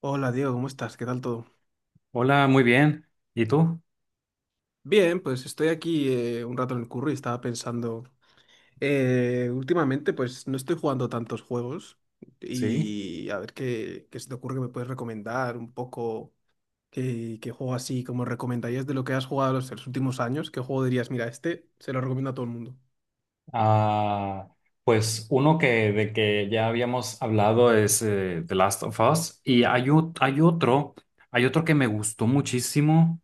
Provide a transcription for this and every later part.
Hola Diego, ¿cómo estás? ¿Qué tal todo? Hola, muy bien. ¿Y tú? Bien, pues estoy aquí un rato en el curro y estaba pensando, últimamente pues no estoy jugando tantos juegos Sí. y a ver qué se te ocurre que me puedes recomendar un poco, qué juego así como recomendarías de lo que has jugado los últimos años, qué juego dirías, mira, este se lo recomiendo a todo el mundo. Ah, pues uno que ya habíamos hablado es The Last of Us, y hay, o- Mm. hay otro que me gustó muchísimo,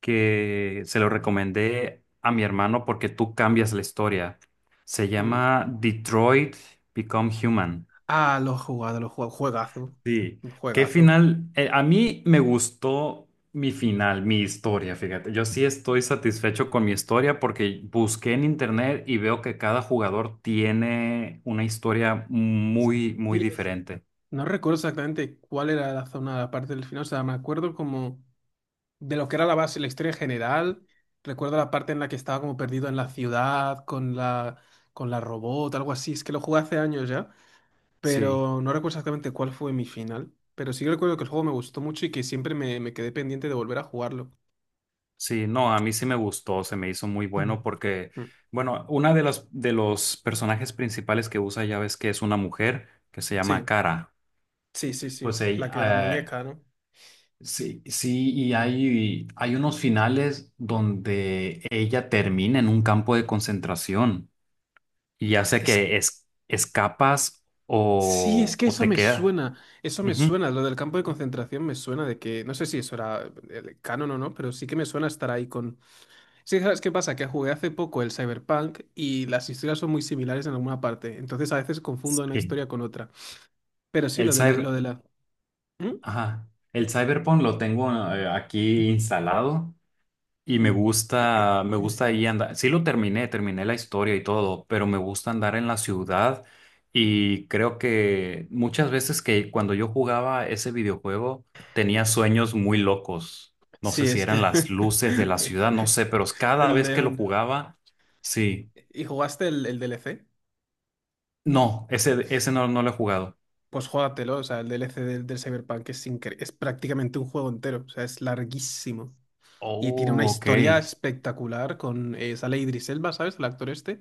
que se lo recomendé a mi hermano porque tú cambias la historia. Se ¿Mm? llama Detroit Become Human. Ah, lo he jugado, juegazo, Sí, qué juegazo. final. A mí me gustó mi final, mi historia, fíjate. Yo sí estoy satisfecho con mi historia porque busqué en internet y veo que cada jugador tiene una historia muy, muy Sí, diferente. no recuerdo exactamente cuál era la zona, la parte del final, o sea, me acuerdo como de lo que era la base, la historia en general. Recuerdo la parte en la que estaba como perdido en la ciudad con la robot, algo así. Es que lo jugué hace años ya, Sí, pero no recuerdo exactamente cuál fue mi final. Pero sí que recuerdo que el juego me gustó mucho y que siempre me quedé pendiente de volver a jugarlo. sí, no, a mí sí me gustó, se me hizo muy Mm. bueno porque, Mm. bueno, una de los personajes principales que usa ya ves que es una mujer que se llama Sí, Cara. sí, sí, sí. Pues La que la ella. Muñeca, ¿no? Sí, sí, y hay unos finales donde ella termina en un campo de concentración, y ya sea Es, que escapas sí, es o, que o eso te me quedas. suena. Eso me Ujú. suena. Lo del campo de concentración me suena de que, no sé si eso era el canon o no, pero sí que me suena estar ahí con. Sí, ¿sabes qué pasa? Que jugué hace poco el Cyberpunk y las historias son muy similares en alguna parte. Entonces a veces confundo una Sí. historia con otra. Pero sí, El lo cyber, de la. ¿Mm? ajá. El cyberpunk lo tengo, aquí instalado. Y me Mm. gusta, me gusta ahí andar. Sí lo terminé la historia y todo, pero me gusta andar en la ciudad, y creo que muchas veces que cuando yo jugaba ese videojuego tenía sueños muy locos. No sé Sí, si es eran que las luces de la ciudad, no sé, pero cada el vez que lo neón. jugaba, sí. ¿Y jugaste el DLC? No, ese no, no lo he jugado. Pues júgatelo, o sea, el DLC del Cyberpunk es, es prácticamente un juego entero, o sea, es larguísimo. Y tiene una Oh, ok. historia espectacular con sale Idris Elba, ¿sabes? El actor este.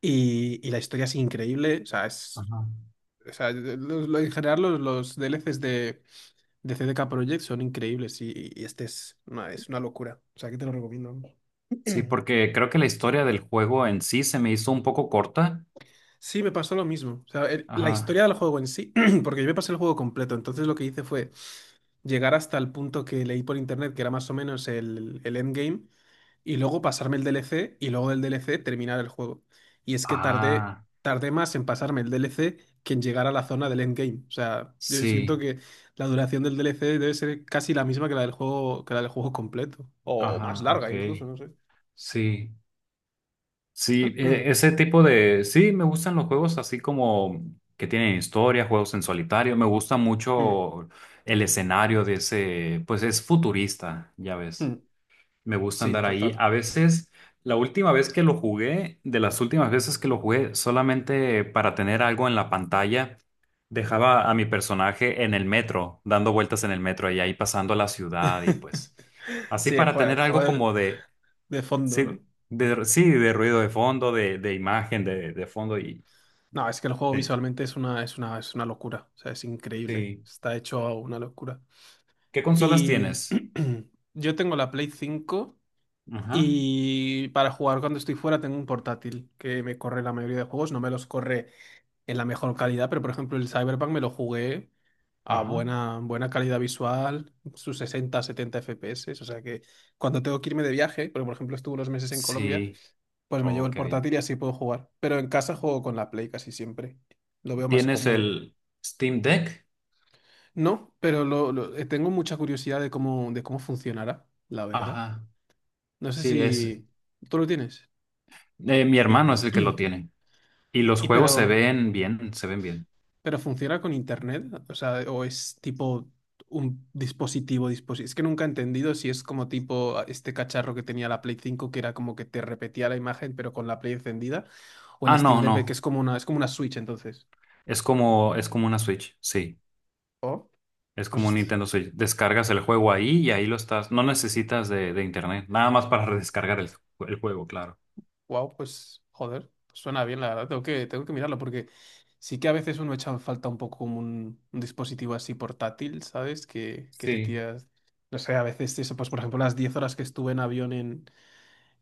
Y la historia es increíble, o sea, es. Ajá. O sea, en general los DLCs de CDK Projekt son increíbles y este es una locura. O sea, que te lo recomiendo, vamos. Sí, porque creo que la historia del juego en sí se me hizo un poco corta. Sí, me pasó lo mismo. O sea, la Ajá. historia del juego en sí, porque yo me pasé el juego completo, entonces lo que hice fue llegar hasta el punto que leí por internet, que era más o menos el endgame, y luego pasarme el DLC, y luego del DLC terminar el juego. Y es que Ah, tardé más en pasarme el DLC que en llegar a la zona del endgame. O sea, yo siento sí. que la duración del DLC debe ser casi la misma que la del juego, que la del juego completo, o más Ajá, larga ok. incluso, no sé. Sí, sí, ese tipo de. Sí, me gustan los juegos así como que tienen historia, juegos en solitario. Me gusta Mm, mucho el escenario de ese, pues es futurista, ya ves. mm. Me gusta Sí, andar ahí. total. A veces, la última vez que lo jugué, de las últimas veces que lo jugué, solamente para tener algo en la pantalla, dejaba a mi personaje en el metro, dando vueltas en el metro y ahí pasando la ciudad y pues. Así Sí, el para juego, tener el algo juego de como de. de fondo, ¿no? Sí, de, sí, de ruido de fondo, de, imagen, de fondo y. No, es que el juego eh, visualmente es una, es una, es una locura. O sea, es increíble. sí. Está hecho a una locura. ¿Qué consolas Y tienes? yo tengo la Play cinco Ajá, y para jugar cuando estoy fuera tengo un portátil que me corre la mayoría de juegos. No me los corre en la mejor calidad, pero por ejemplo el Cyberpunk me lo jugué a ajá. buena, buena calidad visual, sus 60, 70 FPS, o sea que cuando tengo que irme de viaje, porque por ejemplo estuve unos meses en Colombia, Sí. pues me llevo Oh, el qué bien. portátil y así puedo jugar, pero en casa juego con la Play casi siempre, lo veo más ¿Tienes cómodo. el Steam Deck? No, pero tengo mucha curiosidad de cómo funcionará, la verdad. Ajá. No sé Sí, si es. tú lo tienes. Mi hermano es el que lo tiene. Y los Y juegos se pero, ven bien, se ven bien. ¿pero funciona con internet? O sea, ¿o es tipo un dispositivo, dispositivo? Es que nunca he entendido si es como tipo este cacharro que tenía la Play cinco que era como que te repetía la imagen pero con la Play encendida o el Ah, Steam no, no. Deck que es como una, es como una Switch entonces. Es como una Switch, sí. Oh, Es como un pues Nintendo Switch. Descargas el juego ahí y ahí lo estás. No necesitas de internet. Nada más para descargar el juego, claro. wow, pues joder, pues suena bien la verdad, tengo que mirarlo porque sí que a veces uno echa en falta un poco como un dispositivo así portátil, ¿sabes? Que te Sí, tiras no sé, a veces eso, pues por ejemplo las 10 horas que estuve en avión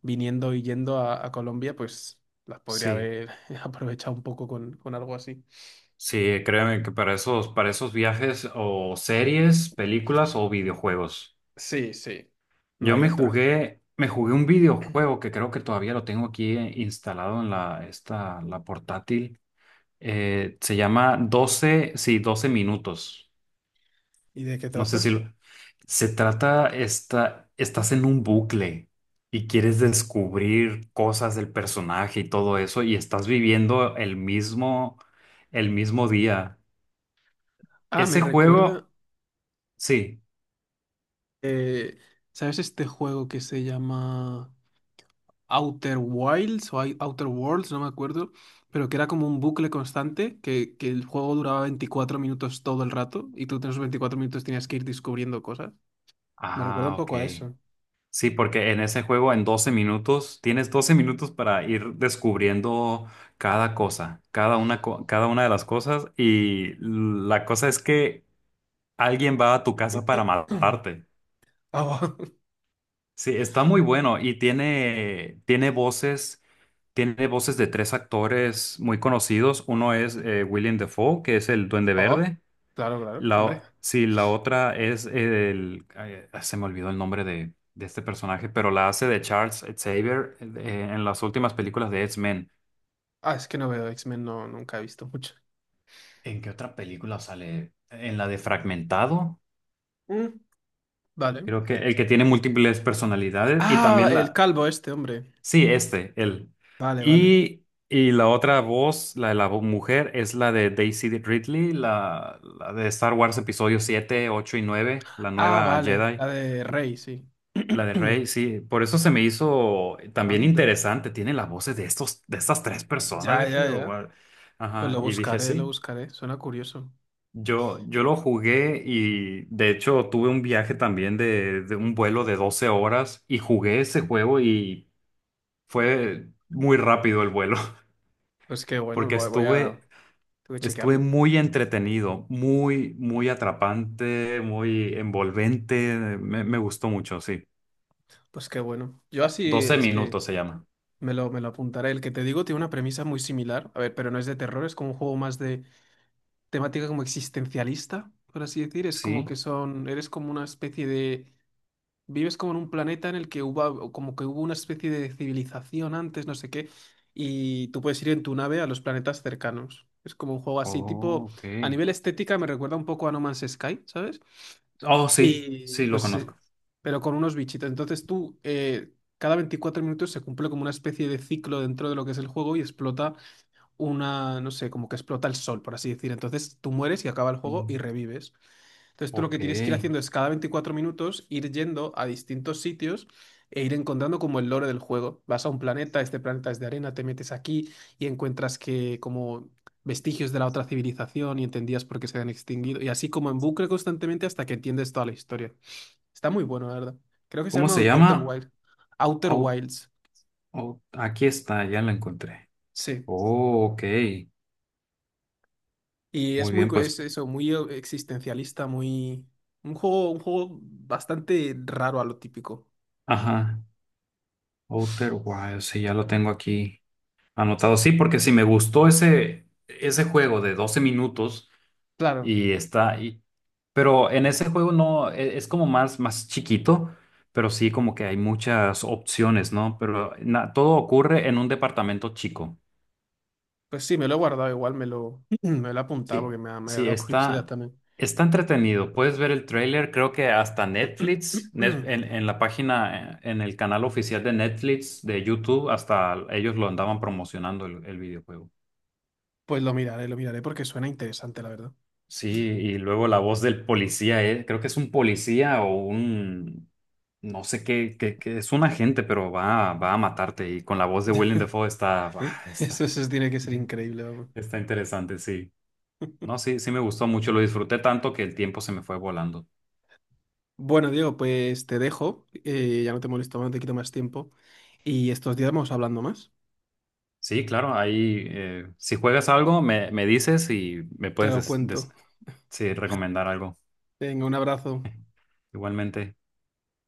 viniendo y yendo a Colombia, pues las podría sí. haber aprovechado un poco con algo así. Sí, créeme que para esos viajes, o series, películas o videojuegos. Sí, sí, no Yo hay me otra. jugué, me jugué un videojuego que creo que todavía lo tengo aquí, instalado en la portátil. Se llama doce minutos. ¿Y de qué No sé trata? si se trata, estás en un bucle y quieres descubrir cosas del personaje y todo eso, y estás viviendo el mismo día. Ah, me Ese juego, recuerda, sí. eh, ¿sabes este juego que se llama Outer Wilds o Outer Worlds? No me acuerdo, pero que era como un bucle constante, que el juego duraba 24 minutos todo el rato y tú en esos 24 minutos tenías que ir descubriendo cosas. Me recuerda un Ah, ok. poco a eso. Sí, porque en ese juego, en 12 minutos tienes 12 minutos para ir descubriendo cada cosa, cada una de las cosas, y la cosa es que alguien va a tu casa para matarte. Oh. Sí, está muy bueno y tiene voces de tres actores muy conocidos. Uno es William Dafoe, que es el Duende Oh, Verde. claro, claro, hombre. Sí, la otra es el, ay, se me olvidó el nombre de este personaje, pero la hace de Charles Xavier en las últimas películas de X-Men. Ah, es que no veo X-Men, no, nunca he visto mucho. ¿En qué otra película sale? En la de Fragmentado, Mm, vale. creo que el que tiene múltiples personalidades, y Ah, también el la, calvo este, hombre. sí, este, él. Vale, vale. Y, y la otra voz, la de la mujer, es la de Daisy Ridley, la de Star Wars episodio 7, 8 y 9, la Ah, nueva vale, Jedi. la de Rey, sí. La de Rey, sí, por eso se me hizo también Anda. interesante. Tiene las voces de estos, de estas tres personas, Ya, dije, ya, "Oh, ya. wow". Pues Ajá, lo y dije, buscaré, lo sí, buscaré. Suena curioso. yo lo jugué, y de hecho tuve un viaje también de un vuelo de 12 horas, y jugué ese juego y fue muy rápido el vuelo. Pues qué bueno, Porque voy a... estuve, Tengo que estuve chequearlo. muy entretenido, muy, muy atrapante, muy envolvente, me gustó mucho, sí. Pues qué bueno. Yo así Doce es que minutos se llama, me lo apuntaré. El que te digo tiene una premisa muy similar. A ver, pero no es de terror, es como un juego más de temática como existencialista, por así decir. Es como sí. que son... Eres como una especie de. Vives como en un planeta en el que hubo, como que hubo una especie de civilización antes, no sé qué, y tú puedes ir en tu nave a los planetas cercanos. Es como un juego así, Oh, tipo, a ok. nivel estética me recuerda un poco a No Man's Sky, ¿sabes? Oh, sí, Y sí, lo pues, conozco. pero con unos bichitos. Entonces tú, cada 24 minutos se cumple como una especie de ciclo dentro de lo que es el juego y explota una, no sé, como que explota el sol, por así decir. Entonces tú mueres y acaba el Sí. juego y revives. Entonces tú lo Ok. que tienes que ir haciendo es cada 24 minutos ir yendo a distintos sitios e ir encontrando como el lore del juego. Vas a un planeta, este planeta es de arena, te metes aquí y encuentras que como vestigios de la otra civilización y entendías por qué se habían extinguido. Y así como en bucle constantemente hasta que entiendes toda la historia. Está muy bueno, la verdad. Creo que se ¿Cómo se llama Outer llama? Wild. Outer Au- Wilds, Aquí está, ya la encontré. sí. Oh, ok. Y es Muy muy, bien, pues. es eso, muy existencialista, muy... un juego bastante raro a lo típico. Ajá. Outer Wilds, sí, ya lo tengo aquí anotado. Sí, porque sí me gustó ese juego de doce minutos, Claro. y está ahí. Pero en ese juego no, es como más, más chiquito, pero sí, como que hay muchas opciones, ¿no? Pero todo ocurre en un departamento chico. Pues sí, me lo he guardado igual, me lo he apuntado Sí, porque me ha sí, dado curiosidad está, también. está entretenido. Puedes ver el tráiler, creo que hasta Netflix, en, la página, en el canal oficial de Netflix, de YouTube, hasta ellos lo andaban promocionando el videojuego. Pues lo miraré porque suena interesante, la verdad. Sí, y luego la voz del policía, creo que es un policía o un, no sé, es un agente, pero va a matarte. Y con la voz de Willem Dafoe está, bah, Eso, está, eso tiene que ser increíble, vamos. está interesante, sí. No, sí, sí me gustó mucho, lo disfruté tanto que el tiempo se me fue volando. Bueno, Diego, pues te dejo, ya no te molesto más, no te quito más tiempo. Y estos días vamos hablando más. Sí, claro, ahí, si juegas algo, me dices y me Te puedes lo cuento. sí, recomendar algo. Venga, un abrazo. Igualmente.